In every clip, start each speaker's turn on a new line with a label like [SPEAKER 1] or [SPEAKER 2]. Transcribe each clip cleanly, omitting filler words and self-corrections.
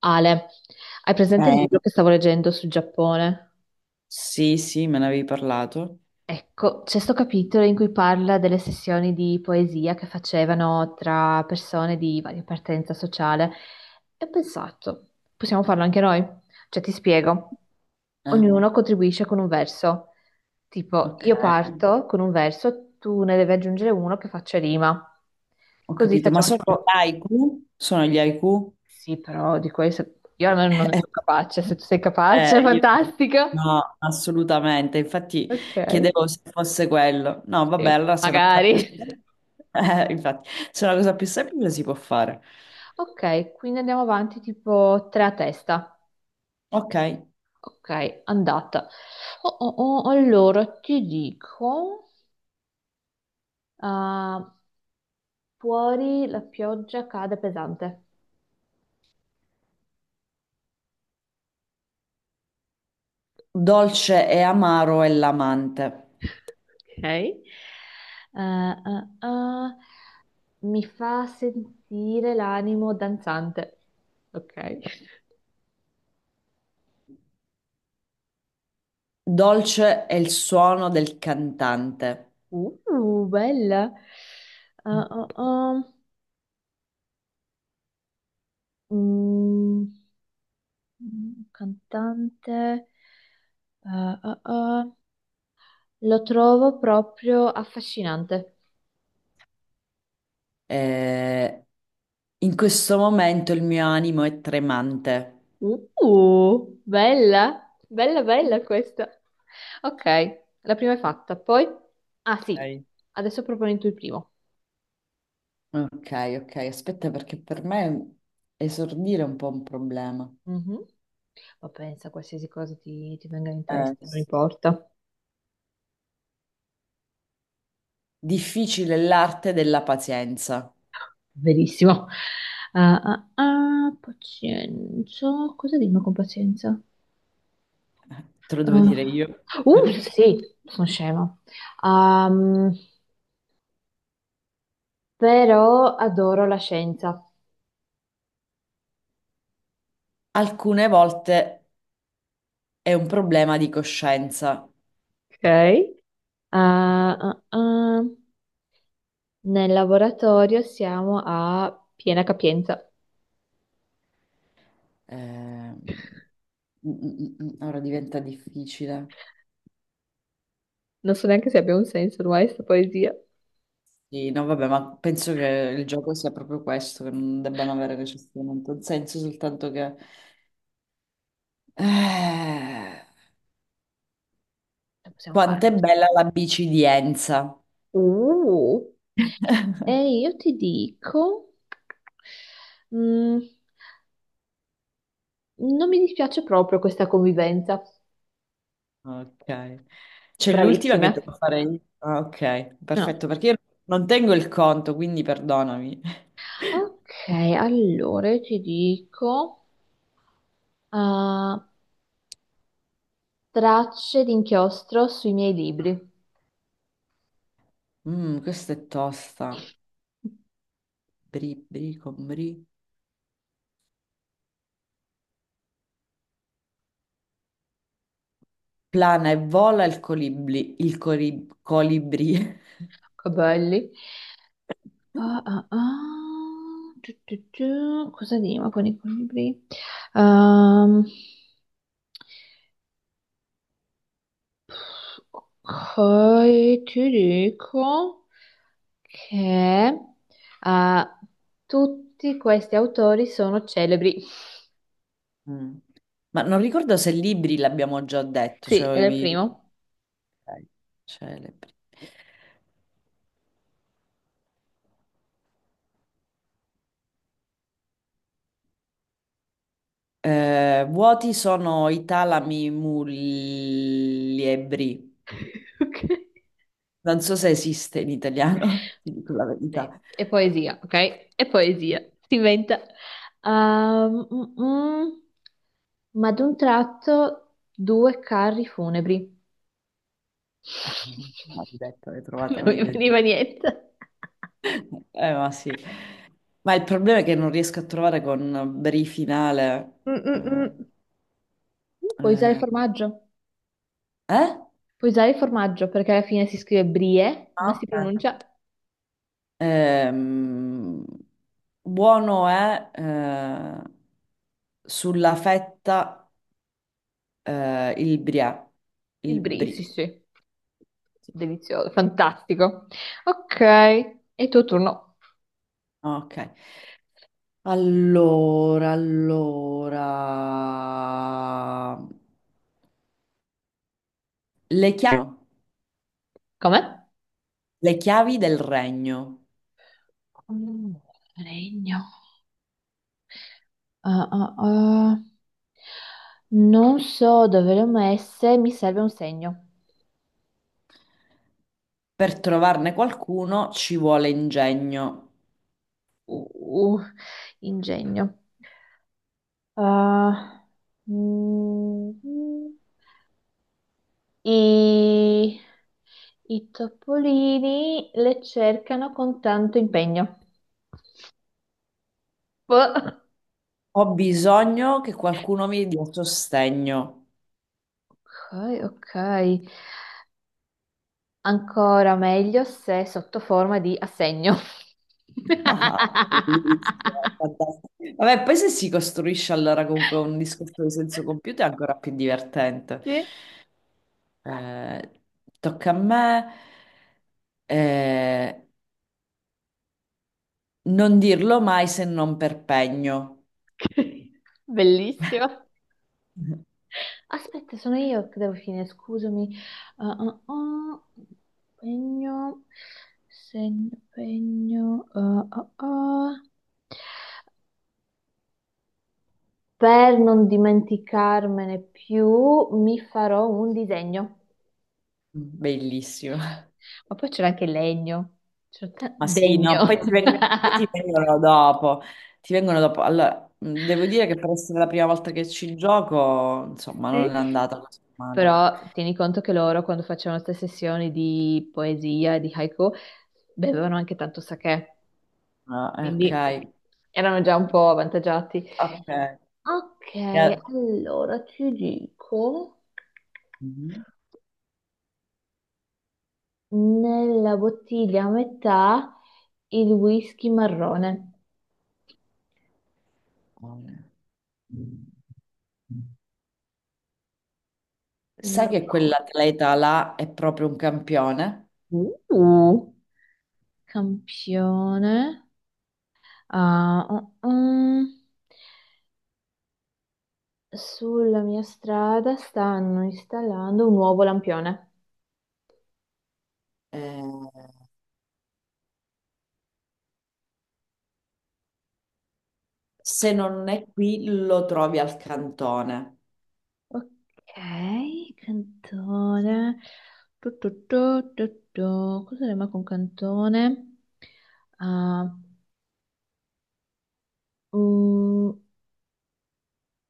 [SPEAKER 1] Ale, hai presente il libro
[SPEAKER 2] Eh,
[SPEAKER 1] che stavo leggendo sul Giappone?
[SPEAKER 2] sì, sì, me ne avevi parlato.
[SPEAKER 1] Ecco, c'è sto capitolo in cui parla delle sessioni di poesia che facevano tra persone di varia appartenenza sociale e ho pensato, possiamo farlo anche noi? Cioè, ti spiego,
[SPEAKER 2] Ah,
[SPEAKER 1] ognuno contribuisce con un verso, tipo
[SPEAKER 2] ok,
[SPEAKER 1] io parto con un verso, tu ne devi aggiungere uno che faccia rima,
[SPEAKER 2] ho
[SPEAKER 1] così
[SPEAKER 2] capito. Ma
[SPEAKER 1] facciamo
[SPEAKER 2] sono gli
[SPEAKER 1] tipo,
[SPEAKER 2] haiku? Sono gli haiku?
[SPEAKER 1] sì, però di questo io almeno non ne sono capace, se tu sei capace,
[SPEAKER 2] Io no.
[SPEAKER 1] fantastico.
[SPEAKER 2] No, assolutamente. Infatti
[SPEAKER 1] Ok.
[SPEAKER 2] chiedevo se fosse quello. No, vabbè,
[SPEAKER 1] Sì,
[SPEAKER 2] allora se è una cosa più
[SPEAKER 1] magari.
[SPEAKER 2] semplice, infatti, se è una cosa più semplice si può fare.
[SPEAKER 1] Ok, quindi andiamo avanti tipo tre a testa.
[SPEAKER 2] Ok.
[SPEAKER 1] Ok, andata. Oh, oh, oh, allora ti dico, ah, fuori la pioggia cade pesante.
[SPEAKER 2] Dolce e amaro è l'amante.
[SPEAKER 1] Ok. Ah, ah, ah, mi fa sentire l'animo danzante. Ok.
[SPEAKER 2] Dolce è il suono del cantante.
[SPEAKER 1] Bella. Ah, ah, ah. Mm. Mm, cantante. Eh. Lo trovo proprio affascinante.
[SPEAKER 2] Eh, In questo momento il mio animo è tremante.
[SPEAKER 1] Bella, bella, bella questa. Ok, la prima è fatta. Poi, ah sì,
[SPEAKER 2] Ok.
[SPEAKER 1] adesso proponi tu il primo.
[SPEAKER 2] Ok, ok, aspetta perché per me esordire è un po' un problema.
[SPEAKER 1] Mhm. Ma pensa, qualsiasi cosa ti venga in
[SPEAKER 2] Eh,
[SPEAKER 1] testa, non importa.
[SPEAKER 2] Difficile è l'arte della pazienza.
[SPEAKER 1] Verissimo. Ah, ah, ah, pazienza. Cosa dico con pazienza?
[SPEAKER 2] Te lo
[SPEAKER 1] Eh,
[SPEAKER 2] devo dire io.
[SPEAKER 1] Sì, sono scema. Ehm, però adoro la scienza.
[SPEAKER 2] Alcune volte è un problema di coscienza.
[SPEAKER 1] Ok. Ah, ah, ah. Nel laboratorio siamo a piena capienza.
[SPEAKER 2] Eh, mm, Ora diventa difficile.
[SPEAKER 1] Non so neanche se abbia un senso ormai questa poesia. Lo
[SPEAKER 2] Sì, no, vabbè, ma penso che il gioco sia proprio questo, che non debbano avere necessariamente un senso, soltanto che... Eh,
[SPEAKER 1] possiamo
[SPEAKER 2] quanto è
[SPEAKER 1] fare.
[SPEAKER 2] bella la bicidienza.
[SPEAKER 1] Uh. E io ti dico, mm, non mi dispiace proprio questa convivenza.
[SPEAKER 2] Ok. C'è l'ultima che devo
[SPEAKER 1] Bravissime.
[SPEAKER 2] fare io. Ah, ok,
[SPEAKER 1] No.
[SPEAKER 2] perfetto, perché io non tengo il conto, quindi perdonami.
[SPEAKER 1] Ok, allora io ti dico, ah, tracce di inchiostro sui miei libri.
[SPEAKER 2] Mm, questa è tosta. Bri, bri, con bri. Plana e vola il colibri. Il colibri.
[SPEAKER 1] Che belli. Ah, ah, ah. Tu, tu, tu. Cosa rima con i libri? Ehm, ok, ti dico che, ah, tutti questi autori sono celebri.
[SPEAKER 2] Mm. Ma non ricordo se libri l'abbiamo già detto,
[SPEAKER 1] Sì,
[SPEAKER 2] cioè
[SPEAKER 1] era il celebri primo.
[SPEAKER 2] ok, celebri. Vuoti sono i talami muliebri.
[SPEAKER 1] Ok.
[SPEAKER 2] Non so se esiste in italiano, ti dico la
[SPEAKER 1] Ok,
[SPEAKER 2] verità.
[SPEAKER 1] e poesia, ok? E poesia, si inventa. Ehm, mm, mm. Ma ad un tratto due carri funebri.
[SPEAKER 2] Ma ti ho detto, l'hai trovata
[SPEAKER 1] Non mi
[SPEAKER 2] meglio di me.
[SPEAKER 1] veniva niente.
[SPEAKER 2] Ma sì. Ma il problema è che non riesco a trovare con brifinale.
[SPEAKER 1] Mm, mm,
[SPEAKER 2] Eh?
[SPEAKER 1] mm. Puoi usare il
[SPEAKER 2] Eh?
[SPEAKER 1] formaggio?
[SPEAKER 2] Eh?
[SPEAKER 1] Puoi usare il formaggio perché alla fine si scrive brie, ma
[SPEAKER 2] Ah,
[SPEAKER 1] si
[SPEAKER 2] ok.
[SPEAKER 1] pronuncia
[SPEAKER 2] Ehm, buono è sulla fetta, il brie.
[SPEAKER 1] i
[SPEAKER 2] Il
[SPEAKER 1] brie. Sì,
[SPEAKER 2] brie.
[SPEAKER 1] sì,
[SPEAKER 2] Sì.
[SPEAKER 1] delizioso, fantastico. Ok, è il tuo turno.
[SPEAKER 2] Ok. Allora, allora. Le chiavi,
[SPEAKER 1] Come?
[SPEAKER 2] le chiavi del regno.
[SPEAKER 1] Mm. Regno. Ah, ah, ah. Non so dove le ho messe, mi serve un segno.
[SPEAKER 2] Per trovarne qualcuno ci vuole ingegno.
[SPEAKER 1] Uh, uh, ingegno. Ah, mm, i, i topolini le cercano con tanto impegno. Boh.
[SPEAKER 2] Ho bisogno che qualcuno mi dia sostegno.
[SPEAKER 1] Ok, ok. Ancora meglio se sotto forma di assegno.
[SPEAKER 2] Ah, bellissimo, fantastico. Vabbè, poi se si costruisce allora comunque un discorso di senso compiuto è ancora più divertente.
[SPEAKER 1] Sì.
[SPEAKER 2] Eh, tocca a me, eh, non dirlo mai se non per pegno.
[SPEAKER 1] Bellissimo. Aspetta, sono io che devo finire, scusami. Ah, ah, ah. Pegno, segno, pegno, ah, ah, ah. Per non dimenticarmene più, mi farò un disegno.
[SPEAKER 2] Bellissimo.
[SPEAKER 1] Ma poi c'era anche legno. C'era
[SPEAKER 2] Ma sì, no, poi
[SPEAKER 1] degno.
[SPEAKER 2] poi ti vengono, dopo. Ti vengono dopo. Allora, devo dire che per essere la prima volta che ci gioco, insomma, non
[SPEAKER 1] Sì.
[SPEAKER 2] è andata così male.
[SPEAKER 1] Però tieni conto che loro, quando facevano queste sessioni di poesia e di haiku, bevevano anche tanto sakè,
[SPEAKER 2] Ah, ok,
[SPEAKER 1] quindi erano già un po' avvantaggiati.
[SPEAKER 2] ok.
[SPEAKER 1] Ok,
[SPEAKER 2] E-
[SPEAKER 1] allora ti dico,
[SPEAKER 2] Mhm.
[SPEAKER 1] nella bottiglia a metà il whisky marrone.
[SPEAKER 2] Sai che
[SPEAKER 1] Marrone.
[SPEAKER 2] quell'atleta là è proprio un campione?
[SPEAKER 1] Uh, Campione. Ah, ah, ah. Sulla mia strada stanno installando un nuovo lampione.
[SPEAKER 2] Eh, se non è qui, lo trovi al cantone.
[SPEAKER 1] Ok, cantone. Tu, tu, tu, tu, tu. Cosa rima con cantone? Ah, Mm,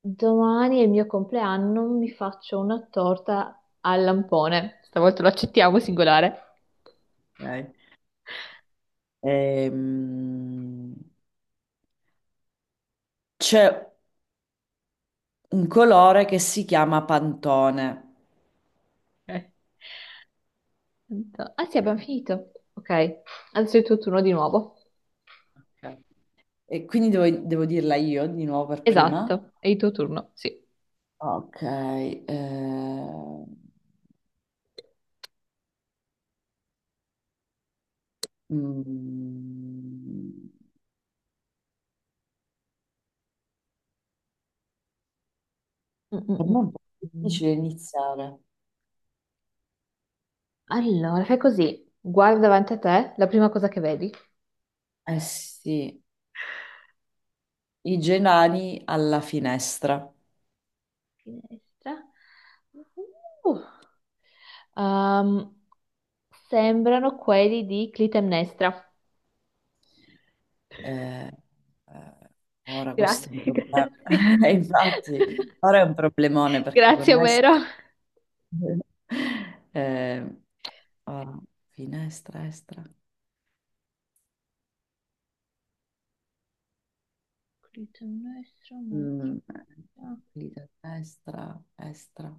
[SPEAKER 1] domani è il mio compleanno, mi faccio una torta al lampone. Stavolta lo accettiamo, singolare.
[SPEAKER 2] Ok. Ehm, c'è un colore che si chiama Pantone.
[SPEAKER 1] Eh, Ah sì, abbiamo finito. Ok, adesso è il tuo turno di nuovo.
[SPEAKER 2] Ok. E quindi devo dirla io di nuovo per prima.
[SPEAKER 1] Esatto, è il tuo turno, sì.
[SPEAKER 2] Ok. Mm,
[SPEAKER 1] Mm, mm,
[SPEAKER 2] per
[SPEAKER 1] mm,
[SPEAKER 2] me è un po'
[SPEAKER 1] mm.
[SPEAKER 2] difficile iniziare.
[SPEAKER 1] Allora, fai così. Guarda davanti a te la prima cosa che vedi.
[SPEAKER 2] Eh sì. I genani alla finestra.
[SPEAKER 1] Finestra. Uh, um, sembrano quelli di Clitemnestra.
[SPEAKER 2] Eh, eh, ora questo è un
[SPEAKER 1] Grazie,
[SPEAKER 2] problema.
[SPEAKER 1] grazie.
[SPEAKER 2] E infatti, ora è un problemone perché con
[SPEAKER 1] Grazie,
[SPEAKER 2] est...
[SPEAKER 1] Omero.
[SPEAKER 2] eh, ora, finestra, estra,
[SPEAKER 1] Clito nostro,
[SPEAKER 2] mm,
[SPEAKER 1] ah,
[SPEAKER 2] vita, destra, estra.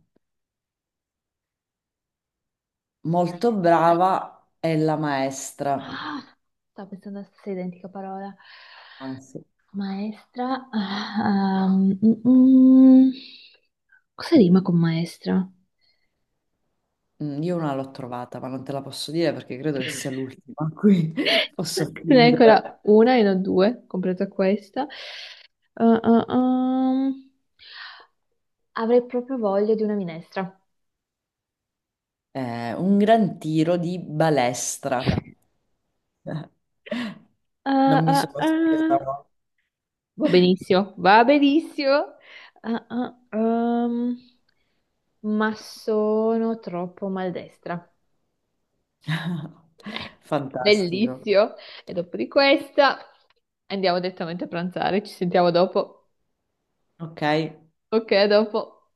[SPEAKER 1] next.
[SPEAKER 2] Molto brava è la maestra.
[SPEAKER 1] Ah, stavo pensando alla stessa identica parola.
[SPEAKER 2] Anzi,
[SPEAKER 1] Maestra. Ah, um, mm, mm. Cosa rima con maestra?
[SPEAKER 2] io una l'ho trovata, ma non te la posso dire perché credo che sia l'ultima, qui posso
[SPEAKER 1] Ne è
[SPEAKER 2] fingere.
[SPEAKER 1] ancora una e non due, compresa questa. Ah, ah, ah. Avrei proprio voglia di una minestra.
[SPEAKER 2] Eh, un gran tiro di balestra.
[SPEAKER 1] Ah,
[SPEAKER 2] Non mi
[SPEAKER 1] ah,
[SPEAKER 2] sono
[SPEAKER 1] ah.
[SPEAKER 2] spiegata.
[SPEAKER 1] Va benissimo, va benissimo. Ah, ah, ma sono troppo maldestra.
[SPEAKER 2] Fantastico.
[SPEAKER 1] Bellissimo. E dopo di questa andiamo direttamente a pranzare. Ci sentiamo dopo.
[SPEAKER 2] Ok.
[SPEAKER 1] Ok, a dopo.